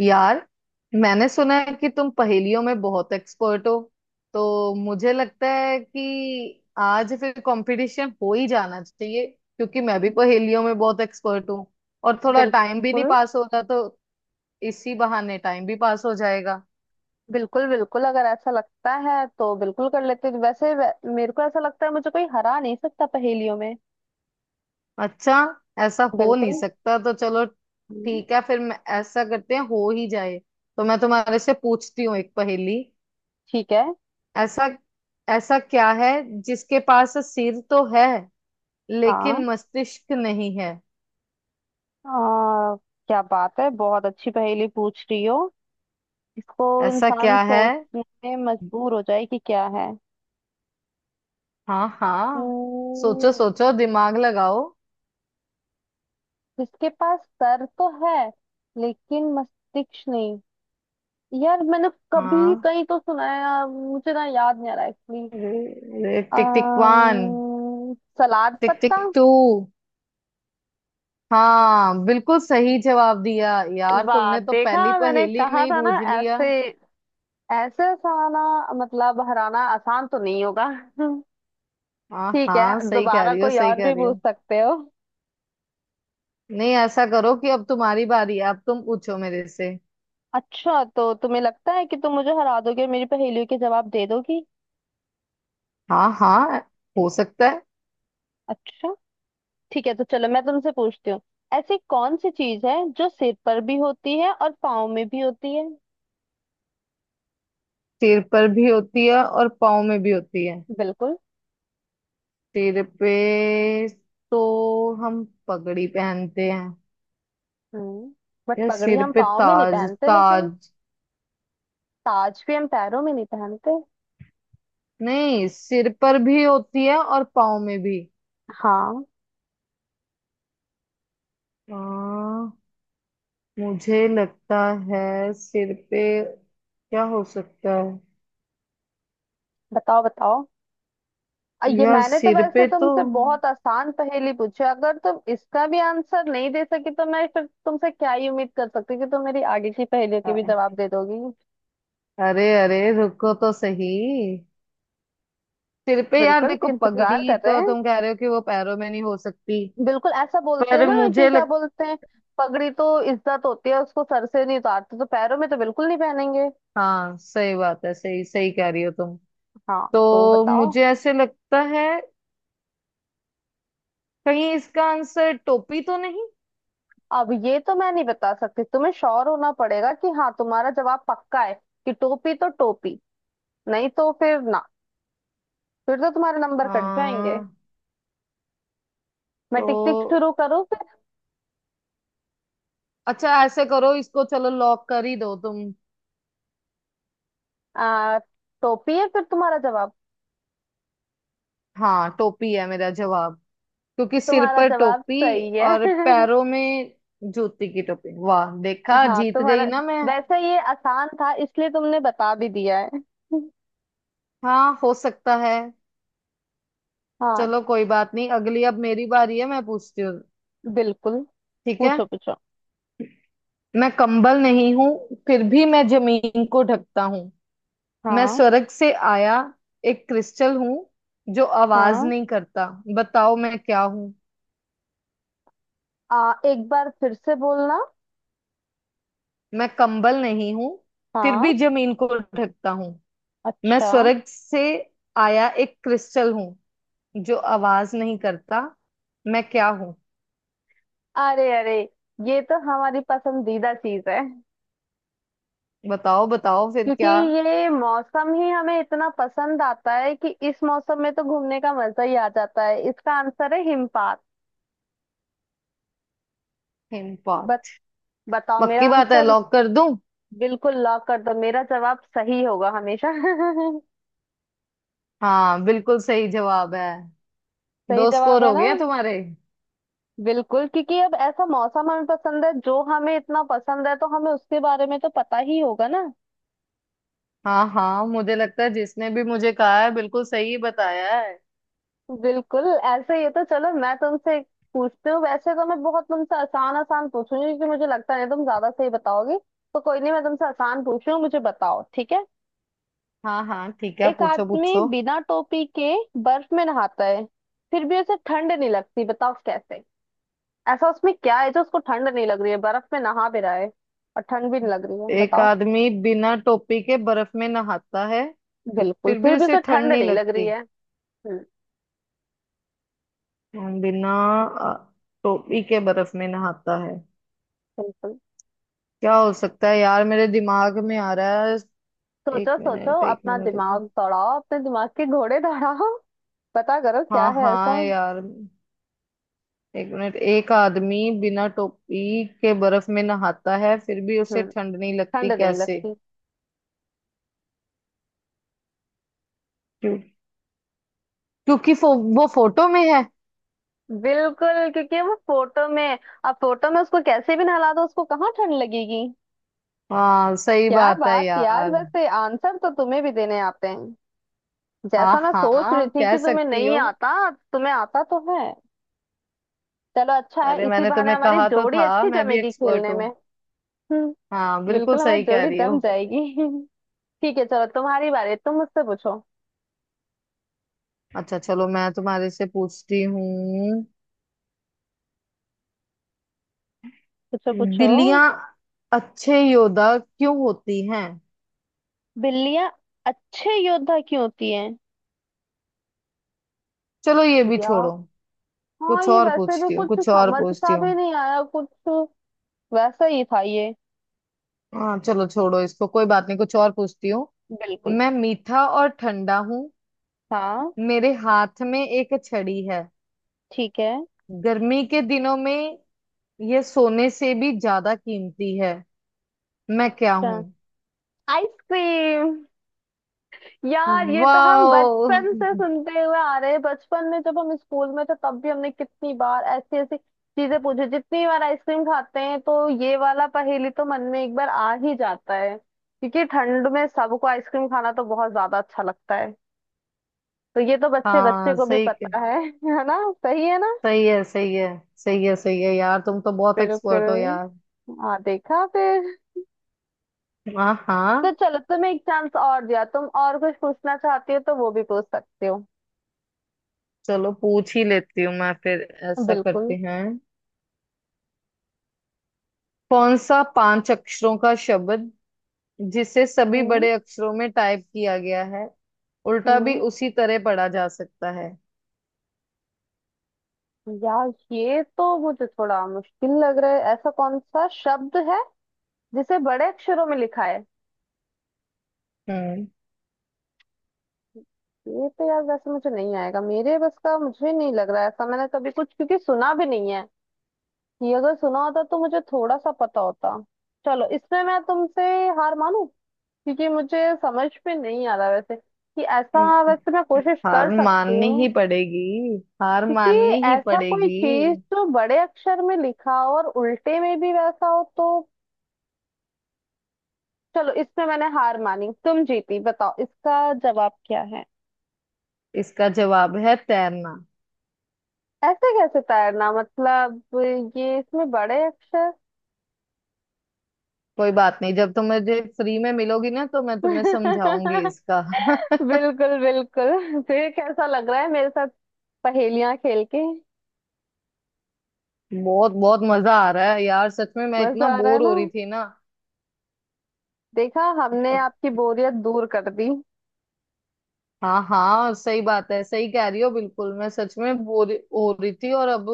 यार, मैंने सुना है कि तुम पहेलियों में बहुत एक्सपर्ट हो। तो मुझे लगता है कि आज फिर कंपटीशन हो ही जाना चाहिए, क्योंकि मैं भी पहेलियों में बहुत एक्सपर्ट हूँ। और थोड़ा टाइम भी नहीं बिल्कुल पास हो रहा, तो इसी बहाने टाइम भी पास हो जाएगा। बिल्कुल बिल्कुल अगर ऐसा लगता है तो बिल्कुल कर लेते हैं। मेरे को ऐसा लगता है मुझे कोई हरा नहीं सकता पहेलियों में। अच्छा, ऐसा हो नहीं बिल्कुल। सकता, तो चलो हम्म। ठीक है फिर। मैं ऐसा करते हैं, हो ही जाए। तो मैं तुम्हारे से पूछती हूँ एक पहेली। ठीक है। ऐसा, ऐसा क्या है जिसके पास सिर तो है हाँ। लेकिन मस्तिष्क नहीं है? आ, क्या बात है, बहुत अच्छी पहेली पूछ रही हो। इसको ऐसा इंसान क्या है? सोचने में मजबूर हो जाए कि क्या है। हाँ हाँ, सोचो हम्म। सोचो, दिमाग लगाओ। जिसके पास सर तो है लेकिन मस्तिष्क नहीं। यार, मैंने कभी हाँ, कहीं तो सुना है, मुझे ना याद नहीं आ रहा एक्चुअली। अरे, टिक टिक वन। अम्म, सलाद टिक टिक पत्ता। टू। हाँ, बिल्कुल सही जवाब दिया यार, वाह, तुमने तो देखा पहली मैंने पहेली में कहा ही था ना। बूझ लिया। ऐसे ऐसे साला, मतलब हराना आसान तो नहीं होगा। हाँ ठीक हाँ, है, सही कह दोबारा रही हो, कोई सही और कह भी रही पूछ हो। सकते हो। नहीं, ऐसा करो कि अब तुम्हारी बारी है, अब तुम पूछो मेरे से। अच्छा, तो तुम्हें लगता है कि तुम मुझे हरा दोगे और मेरी पहेलियों के जवाब दे दोगी। हाँ हाँ, हो सकता है। अच्छा, ठीक है, तो चलो मैं तुमसे पूछती हूँ। ऐसी कौन सी चीज है जो सिर पर भी होती है और पाँव में भी होती है। सिर पर भी होती है और पाँव में भी होती है? बिल्कुल। सिर पे तो हम पगड़ी पहनते हैं। हम्म, बट या पगड़ी सिर हम पे पाँव में नहीं ताज। पहनते ताज। लेकिन। ताज भी हम पैरों में नहीं पहनते। नहीं, सिर पर भी होती है और पाँव में भी। हाँ। हाँ, मुझे लगता है सिर पे क्या हो सकता है। बताओ बताओ। ये यार मैंने तो सिर वैसे पे तो तुमसे बहुत आसान पहेली पूछी, अगर तुम इसका भी आंसर नहीं दे सकी तो मैं फिर तुमसे क्या ही उम्मीद कर सकती हूँ कि तुम मेरी आगे की पहेलियों के भी अ- जवाब दे दोगी। अरे अरे, रुको तो सही। सिर पे यार, बिल्कुल, देखो इंतजार पगड़ी कर रहे तो हैं। तुम कह रहे हो कि वो पैरों में नहीं हो सकती। बिल्कुल, ऐसा बोलते हैं पर ना कि मुझे क्या लग, बोलते हैं। पगड़ी तो इज्जत होती है, उसको सर से नहीं उतारते, तो पैरों में तो बिल्कुल नहीं पहनेंगे। हाँ सही बात है, सही सही कह रही हो तुम। हाँ, तो तो बताओ। मुझे ऐसे लगता है, कहीं इसका आंसर टोपी तो नहीं। अब ये तो मैं नहीं बता सकती, तुम्हें श्योर होना पड़ेगा कि हाँ तुम्हारा जवाब पक्का है कि टोपी तो टोपी, नहीं तो फिर ना, फिर तो तुम्हारे नंबर कट जाएंगे। हाँ। मैं टिक टिक तो शुरू करूँ फिर। अच्छा, ऐसे करो, इसको चलो लॉक कर ही दो तुम। आ, टोपी है फिर तुम्हारा जवाब। हाँ, टोपी है मेरा जवाब, क्योंकि सिर तुम्हारा पर जवाब टोपी सही है। और पैरों में जूती की टोपी। वाह, देखा, हाँ, जीत गई तुम्हारा। ना मैं। वैसे ये आसान था इसलिए तुमने बता भी दिया है। हाँ, हो सकता है। हाँ। चलो कोई बात नहीं, अगली अब मेरी बारी है, मैं पूछती हूँ। बिल्कुल। ठीक है। पूछो पूछो। मैं कंबल नहीं हूँ, फिर भी मैं जमीन को ढकता हूँ। मैं हाँ स्वर्ग से आया एक क्रिस्टल हूँ जो आवाज हाँ। नहीं करता। बताओ, मैं क्या हूँ? एक बार फिर से बोलना। मैं कंबल नहीं हूँ, फिर हाँ। भी जमीन को ढकता हूँ। मैं अच्छा। स्वर्ग से आया एक क्रिस्टल हूँ जो आवाज नहीं करता। मैं क्या हूँ? अरे अरे, ये तो हमारी पसंदीदा चीज है। बताओ बताओ, फिर क्योंकि क्या। ये मौसम ही हमें इतना पसंद आता है कि इस मौसम में तो घूमने का मजा ही आ जाता है। इसका आंसर है हिमपात। बत, हिमपात? बताओ मेरा पक्की बात है, आंसर। लॉक कर दूं? बिल्कुल लॉक कर दो, मेरा जवाब सही होगा हमेशा। हाँ, बिल्कुल सही जवाब है। दो सही जवाब स्कोर है हो ना। गया तुम्हारे। बिल्कुल, क्योंकि अब ऐसा मौसम हमें पसंद है, जो हमें इतना पसंद है तो हमें उसके बारे में तो पता ही होगा ना। हाँ हाँ, मुझे लगता है जिसने भी मुझे कहा है बिल्कुल सही बताया है। बिल्कुल ऐसे ही है। तो चलो मैं तुमसे पूछती हूँ। वैसे तो मैं बहुत तुमसे आसान आसान पूछूंगी क्योंकि मुझे लगता नहीं तुम ज्यादा सही बताओगी, तो कोई नहीं, मैं तुमसे आसान पूछ रही हूँ, मुझे बताओ, ठीक है। हाँ हाँ, ठीक है, एक पूछो आदमी पूछो। बिना टोपी के बर्फ में नहाता है, फिर भी उसे ठंड नहीं लगती, बताओ कैसे। ऐसा उसमें क्या है जो उसको ठंड नहीं लग रही है, बर्फ में नहा भी रहा है और ठंड भी नहीं लग रही है, एक बताओ। आदमी बिना टोपी के बर्फ में नहाता है, बिल्कुल, फिर फिर भी भी उसे उसे ठंड ठंड नहीं नहीं लग रही लगती। है। हम्म। हम बिना अ, टोपी के बर्फ में नहाता है। बिल्कुल। क्या हो सकता है यार, मेरे दिमाग में आ रहा है। एक सोचो सोचो, मिनट, एक अपना मिनट, एक दिमाग मिनट। दौड़ाओ, अपने दिमाग के घोड़े दौड़ाओ। पता करो क्या हाँ है हाँ ऐसा। यार, एक मिनट। एक आदमी बिना टोपी के बर्फ में नहाता है, फिर भी उसे हम्म। ठंड नहीं लगती, ठंड नहीं कैसे? लगती। क्यों? क्योंकि वो फोटो में है। बिल्कुल, क्योंकि वो फोटो में। अब फोटो में उसको कैसे भी नहला दो, उसको कहाँ ठंड लगेगी। हाँ सही क्या बात है बात यार, यार। वैसे आंसर तो तुम्हें भी देने आते हैं, हाँ जैसा मैं सोच रही हाँ, थी कह कि तुम्हें सकती नहीं हो। आता। तुम्हें आता तो है। चलो अच्छा है, अरे, इसी मैंने बहाने तुम्हें हमारी कहा तो जोड़ी था अच्छी मैं भी जमेगी एक्सपर्ट खेलने हूँ। में। हम्म। हाँ, बिल्कुल बिल्कुल, हमारी सही कह जोड़ी रही हो। जम जाएगी। ठीक है, चलो तुम्हारी बारी, तुम मुझसे पूछो। अच्छा, चलो मैं तुम्हारे से पूछती हूँ। पूछो पूछो। बिल्लियां अच्छे योद्धा क्यों होती हैं? बिल्लियां अच्छे योद्धा क्यों होती हैं। चलो ये भी या, छोड़ो, हाँ कुछ ये और वैसे भी पूछती हूँ, कुछ कुछ और समझ पूछती सा हूँ। भी नहीं आया कुछ, वैसा ही था ये। हाँ चलो, छोड़ो इसको, कोई बात नहीं, कुछ और पूछती हूँ। बिल्कुल। मैं मीठा और ठंडा हूँ, हाँ। मेरे हाथ में एक छड़ी है। ठीक है। गर्मी के दिनों में यह सोने से भी ज्यादा कीमती है। मैं क्या अच्छा। हूँ? आइसक्रीम। यार, ये तो हम वाह। बचपन से सुनते हुए आ रहे हैं, बचपन में जब हम स्कूल में थे तब भी हमने कितनी बार ऐसी ऐसी चीजें पूछी, जितनी बार आइसक्रीम खाते हैं तो ये वाला पहेली तो मन में एक बार आ ही जाता है, क्योंकि ठंड में सबको आइसक्रीम खाना तो बहुत ज्यादा अच्छा लगता है। तो ये तो बच्चे बच्चे हाँ को भी सही। पता है। है ना। सही है ना। सही है, सही है। सही है, सही है यार, तुम तो बहुत एक्सपर्ट हो बिल्कुल। यार। हाँ, देखा फिर। हाँ तो हाँ। चलो तुम्हें एक चांस और दिया, तुम और कुछ पूछना चाहती हो तो वो भी पूछ सकते हो। चलो पूछ ही लेती हूँ मैं फिर, ऐसा करते बिल्कुल। हैं। कौन सा पांच अक्षरों का शब्द, जिसे सभी हम्म। बड़े अक्षरों में टाइप किया गया है, उल्टा भी हम्म, उसी तरह पढ़ा जा सकता है? यार ये तो मुझे थोड़ा मुश्किल लग रहा है, ऐसा कौन सा शब्द है जिसे बड़े अक्षरों में लिखा है। हम्म। ये तो यार वैसे मुझे नहीं आएगा, मेरे बस का मुझे नहीं लग रहा है, ऐसा मैंने कभी कुछ क्योंकि सुना भी नहीं है। ये अगर सुना होता तो मुझे थोड़ा सा पता होता। चलो, इसमें मैं तुमसे हार मानू क्योंकि मुझे समझ में नहीं आ रहा, वैसे कि ऐसा, वैसे मैं कोशिश हार कर सकती माननी ही हूँ। पड़ेगी, हार क्योंकि माननी ही ऐसा कोई पड़ेगी। चीज जो बड़े अक्षर में लिखा हो और उल्टे में भी वैसा हो तो। चलो इसमें मैंने हार मानी, तुम जीती, बताओ इसका जवाब क्या है। इसका जवाब है तैरना। ऐसे कैसे तैरना, मतलब ये इसमें बड़े अक्षर। कोई बात नहीं, जब तुम मुझे फ्री में मिलोगी ना तो मैं तुम्हें समझाऊंगी इसका। बिल्कुल बिल्कुल, फिर कैसा लग रहा है मेरे साथ पहेलियां खेल के। बहुत बहुत मजा आ रहा है यार, सच में मैं इतना मजा आ रहा है बोर हो ना। रही थी ना। देखा, हमने आपकी बोरियत दूर कर दी। हाँ हाँ, सही बात है, सही कह रही हो, बिल्कुल। मैं सच में बोर हो रही थी, और अब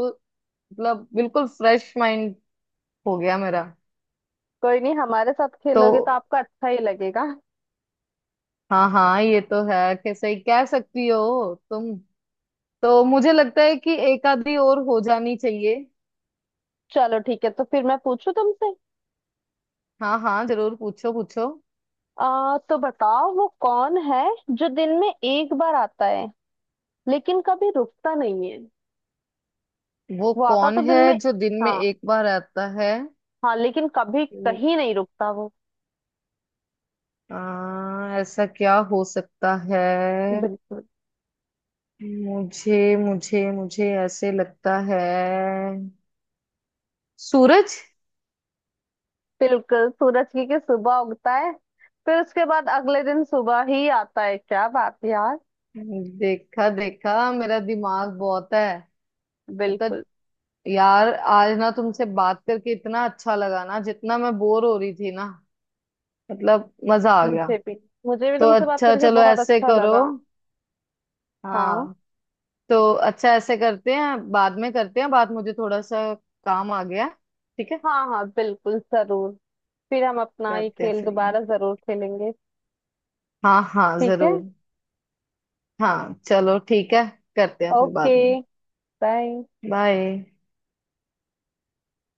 मतलब बिल्कुल फ्रेश माइंड हो गया मेरा। कोई नहीं, हमारे साथ तो खेलोगे तो आपको अच्छा ही लगेगा। हाँ हाँ, ये तो है कि सही कह सकती हो तुम। तो मुझे लगता है कि एक आधी और हो जानी चाहिए। चलो ठीक है, तो फिर मैं पूछू तुमसे। हाँ हाँ जरूर, पूछो पूछो। आ तो बताओ वो कौन है जो दिन में एक बार आता है, लेकिन कभी रुकता नहीं है। वो वो आता कौन तो है दिन में। जो दिन में हाँ। एक बार आता है? हाँ, लेकिन कभी लाइक, कहीं नहीं रुकता वो। ऐसा क्या हो सकता है। बिल्कुल। मुझे मुझे मुझे ऐसे लगता है, सूरज। बिल्कुल, सूरज की सुबह उगता है, फिर उसके बाद अगले दिन सुबह ही आता है। क्या बात है यार। देखा देखा, मेरा दिमाग बहुत है। मतलब, बिल्कुल। यार आज ना तुमसे बात करके इतना अच्छा लगा ना, जितना मैं बोर हो रही थी ना, मतलब मजा आ गया। मुझे भी। मुझे भी तो तुमसे बात अच्छा, करके चलो बहुत ऐसे अच्छा करो। लगा। हाँ। हाँ। तो अच्छा, ऐसे करते हैं, बाद में करते हैं बात, मुझे थोड़ा सा काम आ गया। ठीक है, हाँ। हाँ बिल्कुल जरूर, फिर हम अपना ये करते हैं खेल फिर। दोबारा जरूर खेलेंगे। हाँ हाँ ठीक है। जरूर। हाँ चलो ठीक है, करते हैं फिर बाद ओके। में। बाय। बाय।